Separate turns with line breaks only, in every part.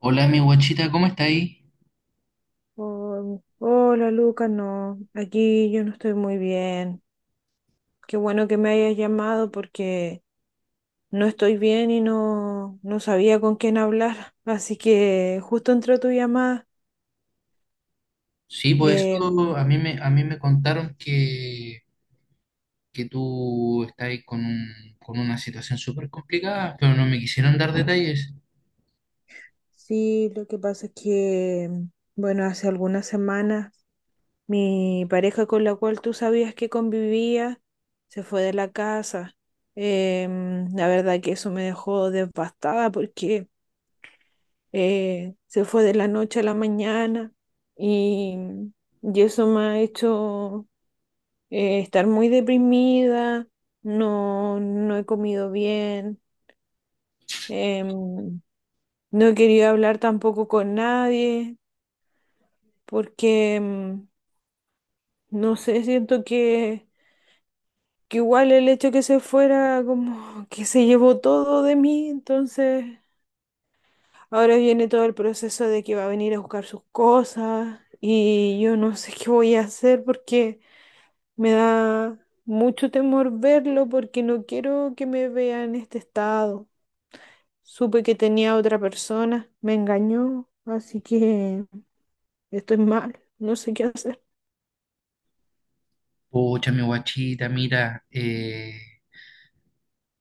Hola, mi guachita, ¿cómo está ahí?
Oh, hola Lucas, no, aquí yo no estoy muy bien. Qué bueno que me hayas llamado porque no estoy bien y no, no sabía con quién hablar. Así que justo entró tu llamada.
Sí, por
Eh,
eso a mí me contaron que tú estás ahí con, con una situación súper complicada, pero no me quisieron dar detalles.
sí, lo que pasa es que, bueno, hace algunas semanas mi pareja con la cual tú sabías que convivía se fue de la casa. La verdad que eso me dejó devastada porque se fue de la noche a la mañana y, y eso me ha hecho estar muy deprimida, no, no he comido bien, em, no he querido hablar tampoco con nadie porque, no sé, siento que igual el hecho que se fuera como que se llevó todo de mí, entonces. Ahora viene todo el proceso de que va a venir a buscar sus cosas y yo no sé qué voy a hacer porque me da mucho temor verlo porque no quiero que me vea en este estado. Supe que tenía otra persona, me engañó, así que estoy mal, no sé qué hacer.
Pucha, mi guachita, mira,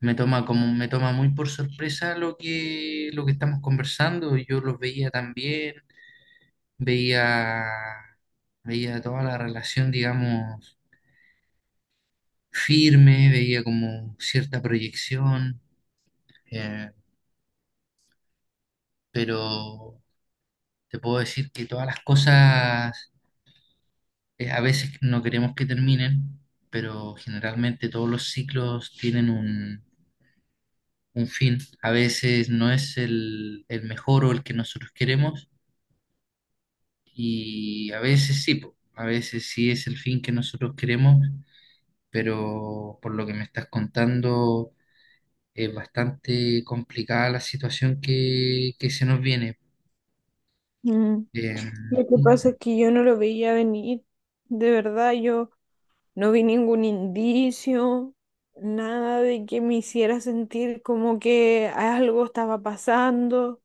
me toma como, me toma muy por sorpresa lo que estamos conversando. Yo los veía también, veía, veía toda la relación, digamos, firme, veía como cierta proyección, eh, pero. Te puedo decir que todas las cosas a veces no queremos que terminen, pero generalmente todos los ciclos tienen un fin. A veces no es el mejor o el que nosotros queremos, y a veces sí, po, a veces sí es el fin que nosotros queremos, pero por lo que me estás contando es bastante complicada la situación que se nos viene.
Mm.
Em,
Lo que pasa es que yo no lo veía venir, de verdad, yo no vi ningún indicio, nada de que me hiciera sentir como que algo estaba pasando.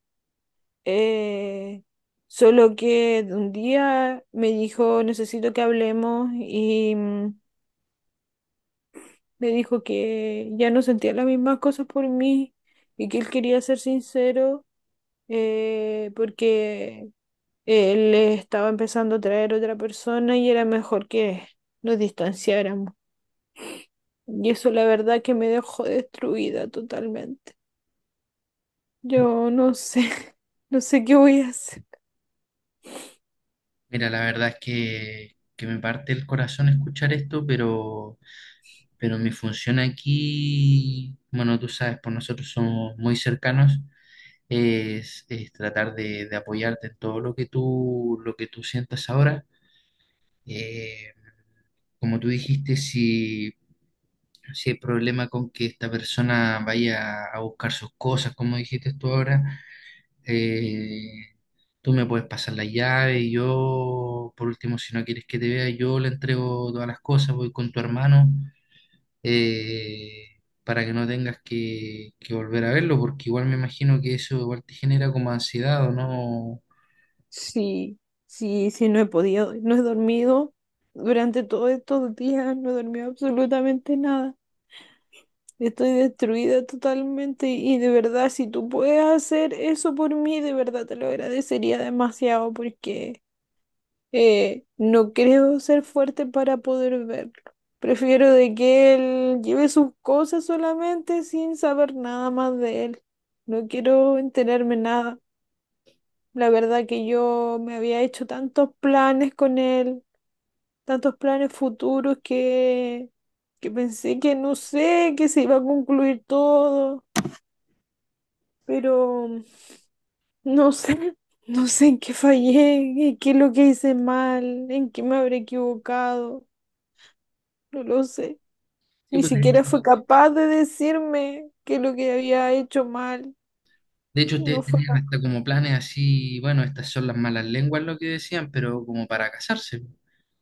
eh, Solo que un día me dijo, necesito que hablemos y me dijo que ya no sentía las mismas cosas por mí y que él quería ser sincero porque él estaba empezando a traer otra persona y era mejor que nos distanciáramos. Y eso la verdad que me dejó destruida totalmente. Yo no sé, no sé qué voy a hacer.
Mira, la verdad es que me parte el corazón escuchar esto, pero mi función aquí, bueno, tú sabes, pues nosotros somos muy cercanos, es tratar de apoyarte en todo lo que tú sientas ahora. Eh, Como tú dijiste, si, si hay problema con que esta persona vaya a buscar sus cosas, como dijiste tú ahora, eh, tú me puedes pasar la llave y yo, por último, si no quieres que te vea, yo le entrego todas las cosas, voy con tu hermano, eh, para que no tengas que volver a verlo, porque igual me imagino que eso igual te genera como ansiedad o no.
Sí, sí, sí, no he podido, no he dormido durante todos estos días, no he dormido absolutamente nada. Estoy destruida totalmente y de verdad, si tú puedes hacer eso por mí, de verdad te lo agradecería demasiado porque no creo ser fuerte para poder verlo. Prefiero de que él lleve sus cosas solamente sin saber nada más de él. No quiero enterarme nada. La verdad que yo me había hecho tantos planes con él, tantos planes futuros que pensé que no sé, que se iba a concluir todo, pero no sé, no sé en qué fallé, en qué es lo que hice mal, en qué me habré equivocado. No lo sé.
Sí,
Ni
pues
siquiera fue capaz de decirme que lo que había hecho mal,
de hecho
no
ustedes
fue
tenían
capaz.
hasta como planes así, bueno, estas son las malas lenguas lo que decían, pero como para casarse.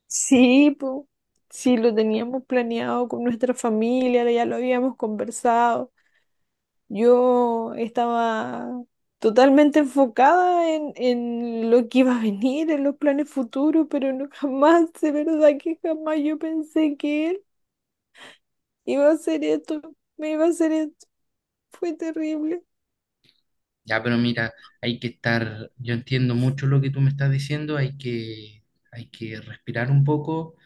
Sí, po. Sí, lo teníamos planeado con nuestra familia, ya lo habíamos conversado. Yo estaba totalmente enfocada en lo que iba a venir, en los planes futuros, pero no, jamás, de verdad que jamás yo pensé que él iba a hacer esto, me iba a hacer esto. Fue terrible.
Ya, pero mira, hay que estar, yo entiendo mucho lo que tú me estás diciendo, hay que respirar un poco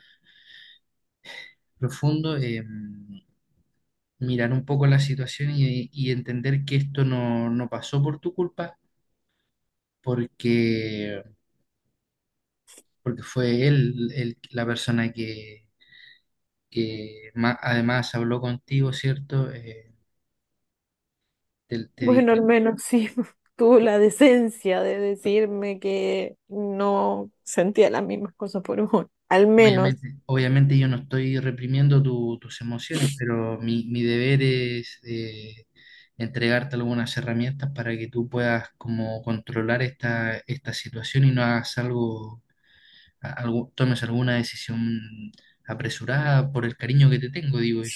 profundo, mirar un poco la situación y entender que esto no, no pasó por tu culpa, porque, porque fue él la persona que además habló contigo, ¿cierto? Te, te dijo,
Bueno, al menos sí tuvo la decencia de decirme que no sentía las mismas cosas por uno. Al menos.
obviamente, obviamente yo no estoy reprimiendo tus emociones, pero mi deber es... entregarte algunas herramientas para que tú puedas como controlar esta, esta situación y no hagas algo tomes alguna decisión apresurada por el cariño que te tengo, digo yo.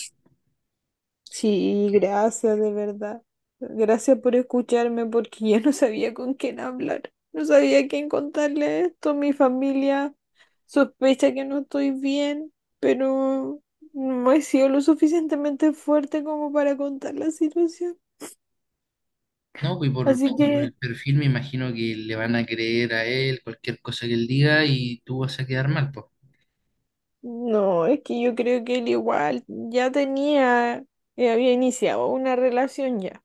Sí, gracias de verdad. Gracias por escucharme porque yo no sabía con quién hablar. No sabía a quién contarle esto. Mi familia sospecha que no estoy bien, pero no he sido lo suficientemente fuerte como para contar la situación.
No,
Así
y por el
que.
perfil me imagino que le van a creer a él cualquier cosa que él diga y tú vas a quedar mal, pues.
No, es que yo creo que él igual ya tenía, había iniciado una relación ya.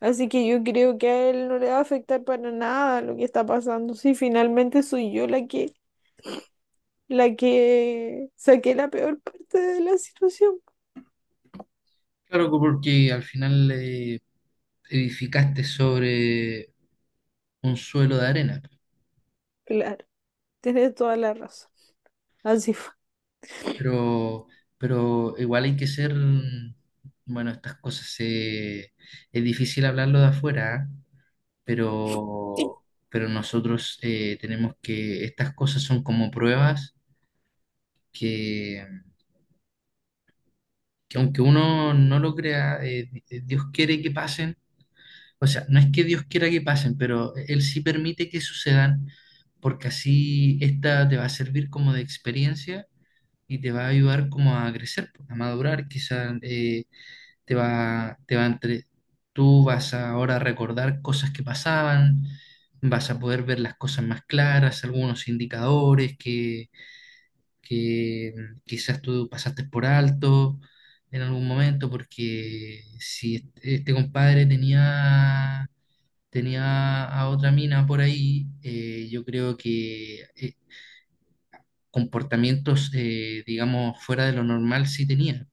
Así que yo creo que a él no le va a afectar para nada lo que está pasando. Si finalmente soy yo la que saqué la peor parte de la situación.
Claro, pues, porque al final edificaste sobre un suelo de arena,
Claro, tienes toda la razón. Así fue.
pero, pero igual hay que ser, bueno, es difícil hablarlo de afuera, ¿ah? pero, pero nosotros tenemos que, estas cosas son como pruebas que, que aunque uno no lo crea, Dios quiere que pasen, o sea, no es que Dios quiera que pasen, pero Él sí permite que sucedan, porque así esta te va a servir como de experiencia y te va a ayudar como a crecer, pues, a madurar, quizás te va, tú vas a ahora recordar cosas que pasaban, vas a poder ver las cosas más claras, algunos indicadores que quizás tú pasaste por alto en algún momento, porque si este compadre tenía, tenía a otra mina por ahí, yo creo que comportamientos, digamos, fuera de lo normal sí tenía,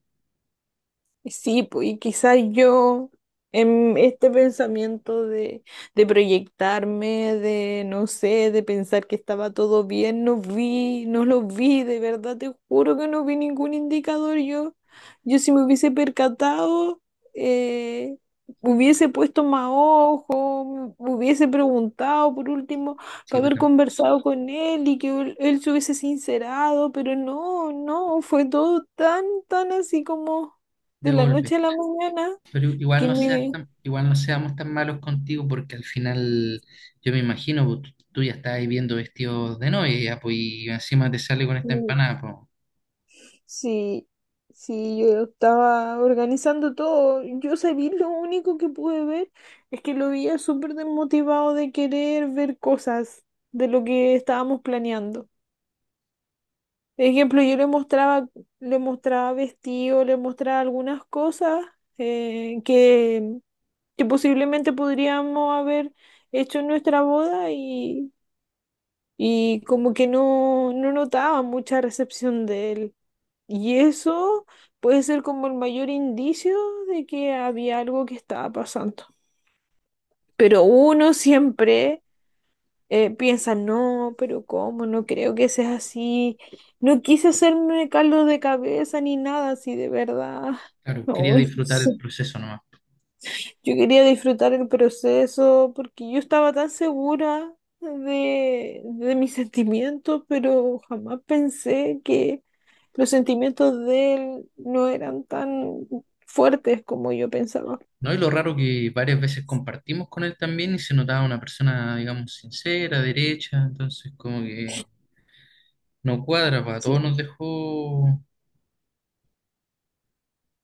Sí, pues, y quizás yo en este pensamiento de proyectarme, de no sé, de pensar que estaba todo bien, no vi, no lo vi, de verdad te juro que no vi ningún indicador. Yo si me hubiese percatado, eh, hubiese puesto más ojo, me hubiese preguntado por último,
sí,
para haber conversado con él y que él se hubiese sincerado, pero no, no, fue todo tan, tan así como
de
de la
golpe.
noche a la mañana,
Pero igual
que me
igual no seamos tan malos contigo porque al final yo me imagino, pues, tú ya estás ahí viendo vestidos de novia ya, pues, y encima te sale con esta
mm,
empanada, pues.
sí, sí, yo estaba organizando todo. Yo sabía, lo único que pude ver es que lo veía súper desmotivado de querer ver cosas de lo que estábamos planeando. Por ejemplo, yo le mostraba vestido, le mostraba algunas cosas eh, que, que posiblemente podríamos haber hecho en nuestra boda y como que no, no notaba mucha recepción de él. Y eso puede ser como el mayor indicio de que había algo que estaba pasando. Pero uno siempre piensa, no, pero ¿cómo? No creo que sea así. No quise hacerme caldo de cabeza ni nada así de verdad.
Claro,
No.
quería disfrutar el proceso nomás.
Yo quería disfrutar el proceso porque yo estaba tan segura de mis sentimientos, pero jamás pensé que los sentimientos de él no eran tan fuertes como yo pensaba.
No, y lo raro que varias veces compartimos con él también y se notaba una persona, digamos, sincera, derecha, entonces como que no cuadra, pues, a todos
Sí,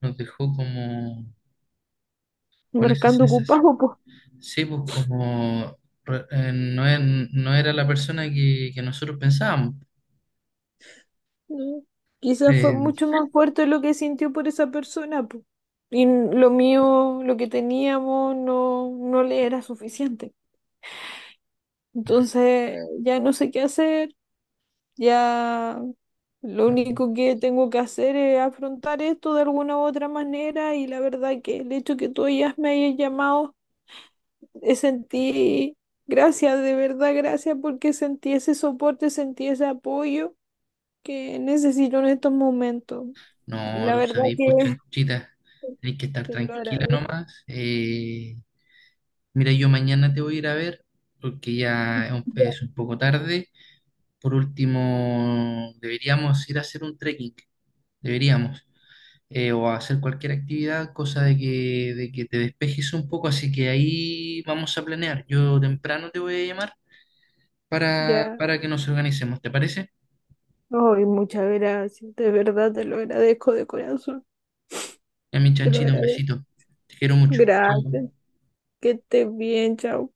nos dejó como con esa
marcando
sensación.
ocupado, pues.
Sí, pues como no, no era la persona que nosotros pensábamos.
¿No? Quizás fue
Eh,
mucho más fuerte lo que sintió por esa persona, pues. Y n- lo mío, lo que teníamos, no, no le era suficiente. Entonces, ya no sé qué hacer. Ya lo
no,
único que tengo que hacer es afrontar esto de alguna u otra manera y la verdad que el hecho que tú ya me hayas llamado, sentí, gracias, de verdad gracias porque sentí ese soporte, sentí ese apoyo que necesito en estos momentos. Y
no,
la
tú
verdad
sabés, pues
que
chanchita, tenés que estar
te lo
tranquila
agradezco.
nomás. Mira, yo mañana te voy a ir a ver porque ya es un poco tarde. Por último, deberíamos ir a hacer un trekking, deberíamos. O a hacer cualquier actividad, cosa de que te despejes un poco, así que ahí vamos a planear. Yo temprano te voy a llamar
Ya,
para que nos organicemos, ¿te parece?
ay, muchas gracias, de verdad te lo agradezco de corazón,
Ya mi
te lo
chanchito, un
agradezco.
besito. Te quiero mucho. Chao.
Gracias, que estés bien, chao.